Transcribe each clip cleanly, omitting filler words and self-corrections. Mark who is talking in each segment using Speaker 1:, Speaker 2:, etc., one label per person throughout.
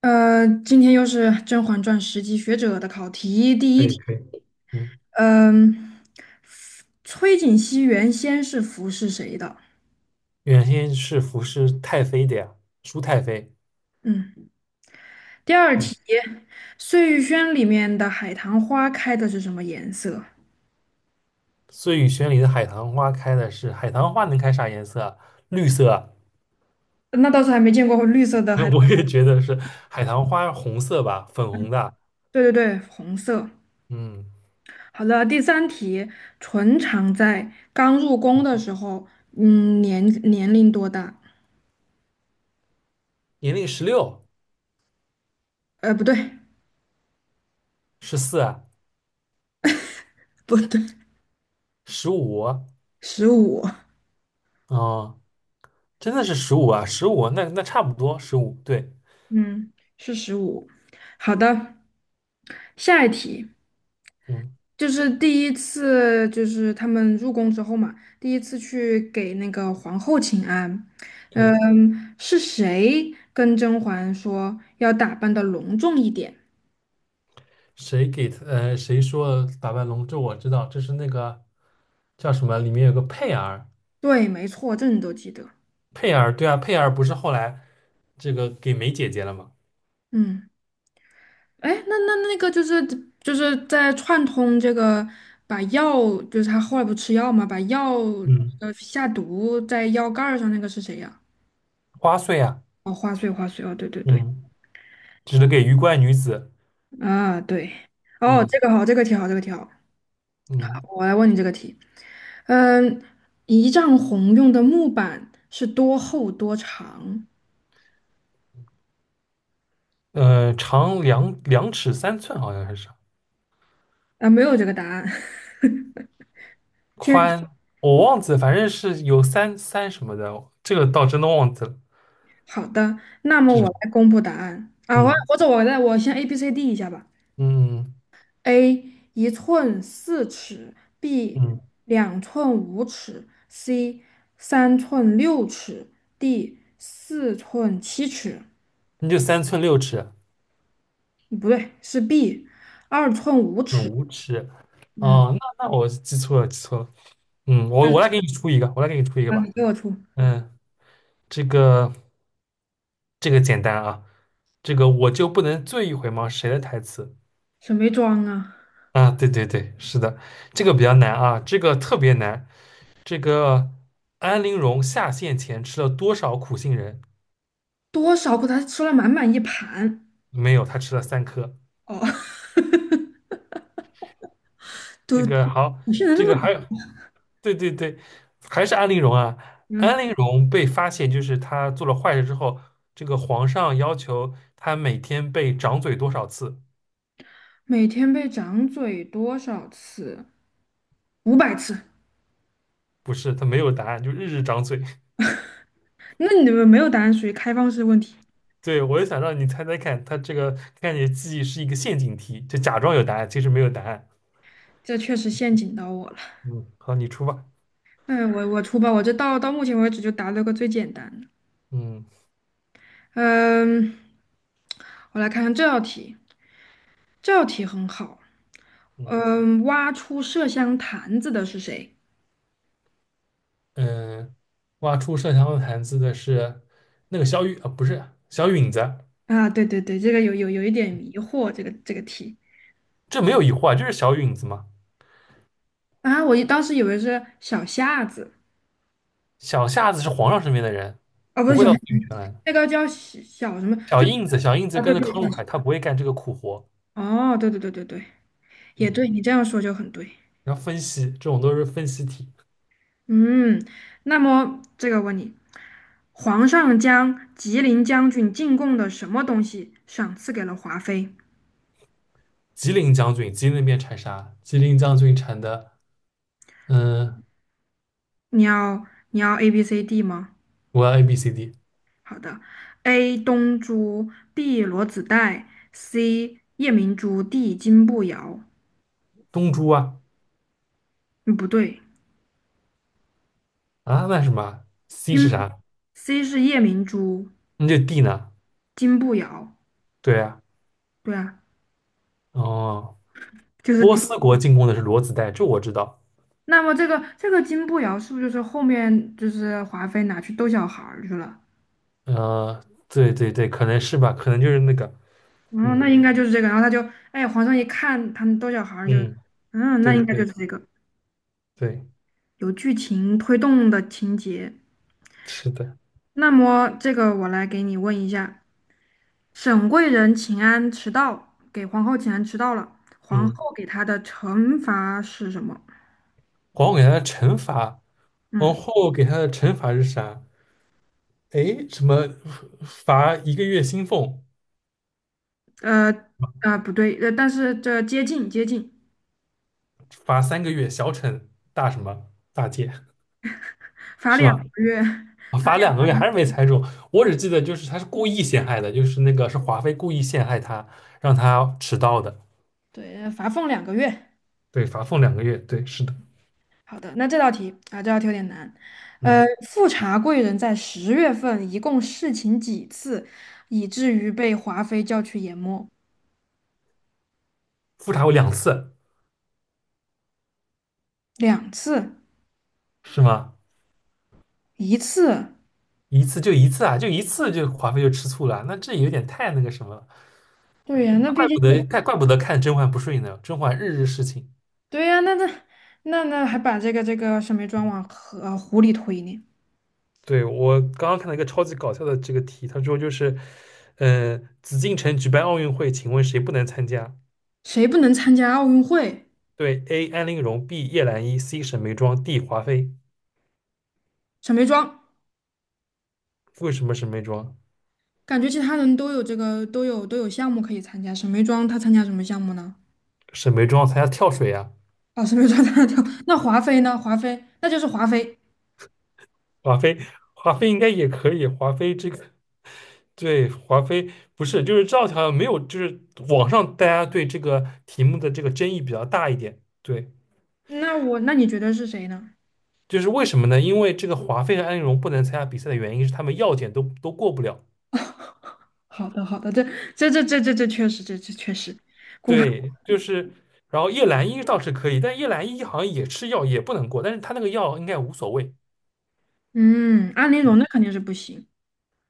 Speaker 1: 今天又是《甄嬛传》10级学者的考题。第
Speaker 2: 可
Speaker 1: 一
Speaker 2: 以
Speaker 1: 题，
Speaker 2: 可以，嗯，
Speaker 1: 嗯，崔槿汐原先是服侍谁的？
Speaker 2: 原先是服侍太妃的呀，舒太妃。
Speaker 1: 嗯，第二
Speaker 2: 嗯，
Speaker 1: 题，碎玉轩里面的海棠花开的是什么颜色？
Speaker 2: 碎雨轩里的海棠花开的是海棠花，能开啥颜色啊绿色啊
Speaker 1: 那倒是还没见过绿色的
Speaker 2: 那
Speaker 1: 海
Speaker 2: 我
Speaker 1: 棠。
Speaker 2: 也觉得是海棠花，红色吧，粉红的。
Speaker 1: 对对对，红色。
Speaker 2: 嗯，
Speaker 1: 好了，第三题，纯常在刚入宫的时候，嗯，年龄多大？
Speaker 2: 年龄16、
Speaker 1: 不对，
Speaker 2: 14啊、
Speaker 1: 不对，
Speaker 2: 十五啊，
Speaker 1: 十五。
Speaker 2: 哦，真的是十五啊，十五，那差不多十五，对，
Speaker 1: 嗯，是十五。好的，下一题
Speaker 2: 嗯。
Speaker 1: 就是第一次，就是他们入宫之后嘛，第一次去给那个皇后请安。
Speaker 2: 对，
Speaker 1: 嗯，是谁跟甄嬛说要打扮的隆重一点？
Speaker 2: 谁给他？谁说打败龙？这我知道，这是那个叫什么？里面有个佩儿，
Speaker 1: 对，没错，这你都记得。
Speaker 2: 佩儿，对啊，佩儿不是后来这个给梅姐姐了吗？
Speaker 1: 嗯，哎，那个就是在串通这个，把药，就是他后来不吃药嘛，把药
Speaker 2: 嗯，
Speaker 1: 下毒在药盖儿上那个是谁呀？
Speaker 2: 花穗啊，
Speaker 1: 哦，花穗，花穗，哦，对对对。
Speaker 2: 嗯，指的给鱼怪女子，
Speaker 1: 啊，对，哦，
Speaker 2: 嗯
Speaker 1: 这个好，这个题好，这个题好，
Speaker 2: 嗯，
Speaker 1: 我来问你这个题。嗯，一丈红用的木板是多厚多长？
Speaker 2: 长两尺三寸，好像还是
Speaker 1: 啊，没有这个答案。
Speaker 2: 宽，我忘记了，反正是有三什么的，这个倒真的忘记了，
Speaker 1: 好的，那么
Speaker 2: 这
Speaker 1: 我
Speaker 2: 是
Speaker 1: 来公布答案啊，我
Speaker 2: 嗯
Speaker 1: 或者我来，我先 A B C D 一下吧。
Speaker 2: 嗯
Speaker 1: A 1寸4尺
Speaker 2: 嗯，
Speaker 1: ，B
Speaker 2: 嗯
Speaker 1: 2寸5尺，C 3寸6尺，D 4寸7尺。
Speaker 2: 那就3寸6尺，
Speaker 1: 不对，是 B 二寸五
Speaker 2: 嗯，
Speaker 1: 尺。
Speaker 2: 5尺，
Speaker 1: 嗯。
Speaker 2: 哦，那我记错了，记错了，嗯，我来给你出一个，我来给你出一个
Speaker 1: 啊，
Speaker 2: 吧，
Speaker 1: 你给我出
Speaker 2: 嗯，这个。这个简单啊，这个我就不能醉一回吗？谁的台词
Speaker 1: 什么装啊？
Speaker 2: 啊？对对对，是的，这个比较难啊，这个特别难。这个安陵容下线前吃了多少苦杏仁？
Speaker 1: 多少口他吃了满满一盘。
Speaker 2: 没有，她吃了3颗。
Speaker 1: 哦，
Speaker 2: 这
Speaker 1: 都
Speaker 2: 个 好，
Speaker 1: 你现在
Speaker 2: 这
Speaker 1: 这么
Speaker 2: 个还有，
Speaker 1: 多。
Speaker 2: 对对对，还是安陵容啊。
Speaker 1: 嗯，
Speaker 2: 安陵容被发现，就是她做了坏事之后，这个皇上要求她每天被掌嘴多少次？
Speaker 1: 每天被掌嘴多少次？500次。
Speaker 2: 不是，她没有答案，就日日掌嘴。
Speaker 1: 那你们没有答案，属于开放式问题，
Speaker 2: 对，我就想让你猜猜看，他这个看你的记忆是一个陷阱题，就假装有答案，其实没有答案。
Speaker 1: 这确实陷阱到我了。
Speaker 2: 嗯，好，你出吧。
Speaker 1: 嗯，我出吧，我这到目前为止就答了个最简单的。
Speaker 2: 嗯
Speaker 1: 嗯，我来看看这道题，这道题很好。
Speaker 2: 嗯
Speaker 1: 嗯，挖出麝香坛子的是谁？
Speaker 2: 嗯，挖出麝香的坛子的是那个小雨啊，不是小允子，
Speaker 1: 啊，对对对，这个有一点迷惑，这个题。
Speaker 2: 这没有疑惑啊，就是小允子嘛。
Speaker 1: 啊，我一当时以为是小夏子。
Speaker 2: 小夏子是皇上身边的人，
Speaker 1: 哦，不
Speaker 2: 不
Speaker 1: 是
Speaker 2: 会
Speaker 1: 小
Speaker 2: 到
Speaker 1: 夏，
Speaker 2: 紫禁城来的。
Speaker 1: 那个叫小什么，
Speaker 2: 小
Speaker 1: 就是
Speaker 2: 印子，小印子
Speaker 1: 啊，对
Speaker 2: 跟着
Speaker 1: 对
Speaker 2: 康
Speaker 1: 对，
Speaker 2: 禄海，他不会干这个苦活。
Speaker 1: 哦，对对对对对，也
Speaker 2: 嗯，
Speaker 1: 对，你这样说就很对。
Speaker 2: 然后分析这种都是分析题。
Speaker 1: 嗯，那么这个问你，皇上将吉林将军进贡的什么东西赏赐给了华妃？
Speaker 2: 吉林将军，吉林那边产啥？吉林将军产的，嗯，
Speaker 1: 你要你要 A B C D 吗？
Speaker 2: 我要 A B C D。
Speaker 1: 好的，A 东珠，B 罗子带，C 夜明珠，D 金步摇。
Speaker 2: 东珠啊
Speaker 1: 嗯，不对，
Speaker 2: 啊，那是什么啊 c 是
Speaker 1: 金
Speaker 2: 啥？
Speaker 1: C 是夜明珠。
Speaker 2: 那就 D 呢？
Speaker 1: 金步摇，
Speaker 2: 对啊，
Speaker 1: 对啊，
Speaker 2: 哦，
Speaker 1: 就是
Speaker 2: 波
Speaker 1: 金
Speaker 2: 斯国进攻的是裸子带，这我知道。
Speaker 1: 那么这个金步摇是不是就是后面就是华妃拿去逗小孩儿去了？
Speaker 2: 对对对，可能是吧，可能就是那个，
Speaker 1: 然后那
Speaker 2: 嗯
Speaker 1: 应该就是这个。然后他就，哎，皇上一看他们逗小孩儿就，
Speaker 2: 嗯，
Speaker 1: 嗯，那
Speaker 2: 对
Speaker 1: 应该就
Speaker 2: 对
Speaker 1: 是这个
Speaker 2: 对，
Speaker 1: 有剧情推动的情节。
Speaker 2: 是的，
Speaker 1: 那么这个我来给你问一下，沈贵人请安迟到，给皇后请安迟到了，皇
Speaker 2: 嗯，
Speaker 1: 后给她的惩罚是什么？
Speaker 2: 皇后给他的惩罚，皇
Speaker 1: 嗯，
Speaker 2: 后给他的惩罚是啥？诶，什么罚一个月薪俸，
Speaker 1: 呃不对，但是这接近接近，
Speaker 2: 罚3个月小惩大什么大戒
Speaker 1: 罚
Speaker 2: 是
Speaker 1: 两
Speaker 2: 吗？
Speaker 1: 个月。
Speaker 2: 啊
Speaker 1: 罚。
Speaker 2: 罚两个月还是没猜中，我只记得就是他是故意陷害的，就是那个是华妃故意陷害他，让他迟到的。
Speaker 1: 对，罚俸两个月。
Speaker 2: 对，罚俸两个月，对，是的，
Speaker 1: 好的，那这道题啊，这道题有点难。
Speaker 2: 嗯，
Speaker 1: 富察贵人在10月份一共侍寝几次，以至于被华妃叫去研墨？
Speaker 2: 复查过2次，
Speaker 1: 2次，
Speaker 2: 是吗？
Speaker 1: 一次。
Speaker 2: 一次就一次啊，就一次就华妃就吃醋了，那这有点太那个什么了，
Speaker 1: 对呀，那
Speaker 2: 那
Speaker 1: 毕
Speaker 2: 怪
Speaker 1: 竟
Speaker 2: 不得
Speaker 1: 是，
Speaker 2: 怪不得看甄嬛不顺眼呢，甄嬛日日侍寝。
Speaker 1: 对呀，那还把这个沈眉庄往河湖里推呢？
Speaker 2: 对，我刚刚看到一个超级搞笑的这个题，他说就是，紫禁城举办奥运会，请问谁不能参加？
Speaker 1: 谁不能参加奥运会？
Speaker 2: 对，A. 安陵容，B. 叶澜依，C. 沈眉庄，D. 华妃。
Speaker 1: 沈眉庄，
Speaker 2: 为什么沈眉庄？
Speaker 1: 感觉其他人都有这个都有项目可以参加，沈眉庄她参加什么项目呢？
Speaker 2: 沈眉庄参加跳水呀、
Speaker 1: 哦，沈眉庄她跳。那华妃呢？华妃那就是华妃。
Speaker 2: 华妃，华妃应该也可以。华妃这个对华妃不是，就是这道题好像没有，就是网上大家对这个题目的这个争议比较大一点。对，
Speaker 1: 那我那你觉得是谁呢？
Speaker 2: 就是为什么呢？因为这个华妃和安陵容不能参加比赛的原因是他们药检都过不了。
Speaker 1: 好的，好的，这这确实，这确实，
Speaker 2: 对，就是，然后叶澜依倒是可以，但叶澜依好像也吃药也不能过，但是她那个药应该无所谓。
Speaker 1: 嗯，安陵
Speaker 2: 嗯。
Speaker 1: 容那肯定是不行。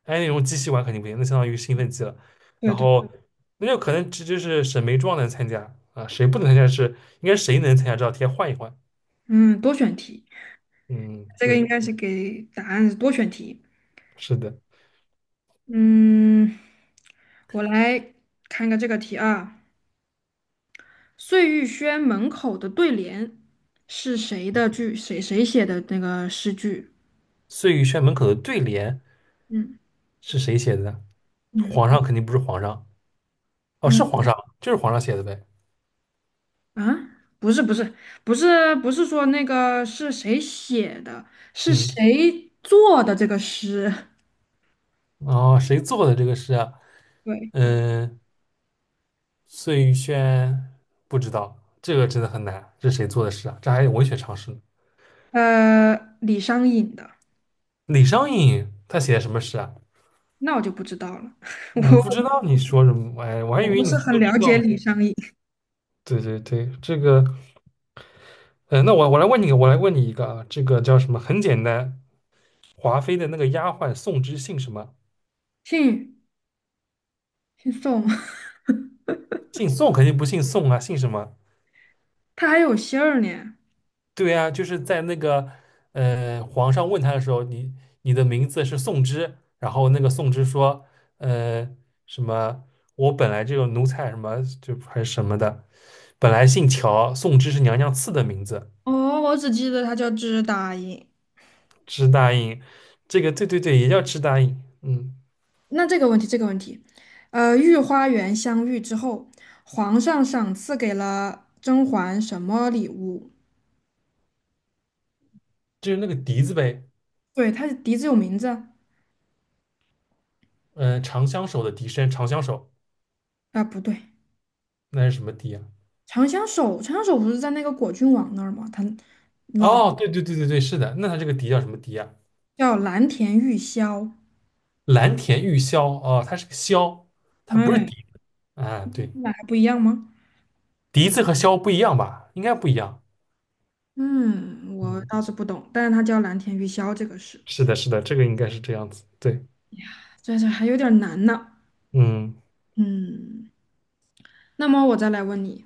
Speaker 2: 哎，那种机器玩肯定不行，那相当于兴奋剂了。
Speaker 1: 对
Speaker 2: 然
Speaker 1: 对，
Speaker 2: 后那就可能这就是沈眉庄能参加啊，谁不能参加是应该谁能参加这道题换一换。
Speaker 1: 嗯，多选题，
Speaker 2: 嗯，
Speaker 1: 这个
Speaker 2: 对，
Speaker 1: 应该是给答案是多选题。
Speaker 2: 是的。
Speaker 1: 嗯，我来看个这个题啊，碎玉轩门口的对联是谁的句？谁写的那个诗句？
Speaker 2: 碎玉轩门口的对联
Speaker 1: 嗯
Speaker 2: 是谁写的呢？
Speaker 1: 嗯，
Speaker 2: 皇上肯定不是皇上，哦，
Speaker 1: 那
Speaker 2: 是皇上，就是皇上写的呗。
Speaker 1: 啊，不是不是不是不是说那个是谁写的，是
Speaker 2: 嗯，
Speaker 1: 谁做的这个诗？
Speaker 2: 哦，谁做的这个诗啊？
Speaker 1: 对，
Speaker 2: 嗯，碎玉轩不知道，这个真的很难，这是谁做的诗啊？这还有文学常识呢。
Speaker 1: 呃，李商隐的，
Speaker 2: 李商隐他写的什么诗啊？
Speaker 1: 那我就不知道了，
Speaker 2: 你不 知道你说什么？哎，我还
Speaker 1: 我
Speaker 2: 以
Speaker 1: 我
Speaker 2: 为
Speaker 1: 不
Speaker 2: 你
Speaker 1: 是很
Speaker 2: 都
Speaker 1: 了
Speaker 2: 知
Speaker 1: 解
Speaker 2: 道呢。
Speaker 1: 李商隐，
Speaker 2: 对对对，这个，那我我来问你，我来问你一个啊，这个叫什么？很简单，华妃的那个丫鬟宋芝姓什么？
Speaker 1: 姓姓宋，
Speaker 2: 姓宋肯定不姓宋啊，姓什么？
Speaker 1: 他还有姓儿呢。
Speaker 2: 对啊，就是在那个皇上问他的时候，你你的名字是宋芝，然后那个宋芝说，呃，什么？我本来就个奴才什么就还是什么的，本来姓乔，宋芝是娘娘赐的名字。
Speaker 1: 哦，我只记得他叫支答应。
Speaker 2: 支大印，这个对对对，也叫支大印，嗯，
Speaker 1: 那这个问题，这个问题，御花园相遇之后，皇上赏赐给了甄嬛什么礼物？
Speaker 2: 就是那个笛子呗，
Speaker 1: 对，他的笛子有名字啊，
Speaker 2: 嗯、长相守的笛声，长相守，
Speaker 1: 啊不对。
Speaker 2: 那是什么笛啊？
Speaker 1: 长相守，长相守不是在那个果郡王那儿吗？他
Speaker 2: 哦，对对对对对，是的，那它这个笛叫什么笛啊？
Speaker 1: 叫蓝田玉箫，
Speaker 2: 蓝田玉箫，哦，它是个箫，它不是
Speaker 1: 哎，
Speaker 2: 笛子啊，对，
Speaker 1: 那还不一样吗？
Speaker 2: 笛子和箫不一样吧？应该不一样，
Speaker 1: 嗯，我
Speaker 2: 嗯，
Speaker 1: 倒是不懂，但是他叫蓝田玉箫这个是，
Speaker 2: 是的，是的，这个应该是这样子，对，
Speaker 1: 这还有点难呢。
Speaker 2: 嗯
Speaker 1: 嗯，那么我再来问你，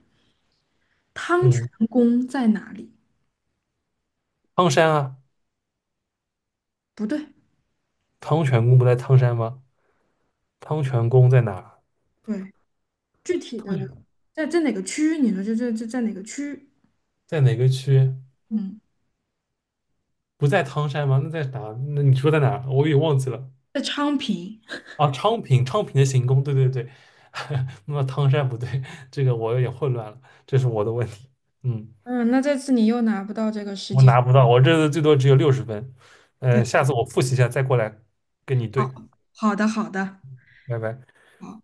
Speaker 1: 汤泉
Speaker 2: 嗯，
Speaker 1: 宫在哪里？
Speaker 2: 汤山啊，
Speaker 1: 不对，
Speaker 2: 汤泉宫不在汤山吗？汤泉宫在哪
Speaker 1: 对，具体
Speaker 2: 汤
Speaker 1: 的
Speaker 2: 泉
Speaker 1: 在哪个区？你说这在哪个区？
Speaker 2: 在哪个区？
Speaker 1: 嗯，
Speaker 2: 不在汤山吗？那在哪？那你说在哪？我也忘记了。
Speaker 1: 在昌平。
Speaker 2: 啊，昌平，昌平的行宫，对对对。那么汤山不对，这个我有点混乱了，这是我的问题。嗯，
Speaker 1: 嗯，那这次你又拿不到这个实
Speaker 2: 我
Speaker 1: 际。
Speaker 2: 拿不到，我这次最多只有60分。
Speaker 1: 对，
Speaker 2: 下次我复习一下再过来跟你
Speaker 1: 好，
Speaker 2: 对。
Speaker 1: 好的，好的。
Speaker 2: 拜拜。
Speaker 1: 好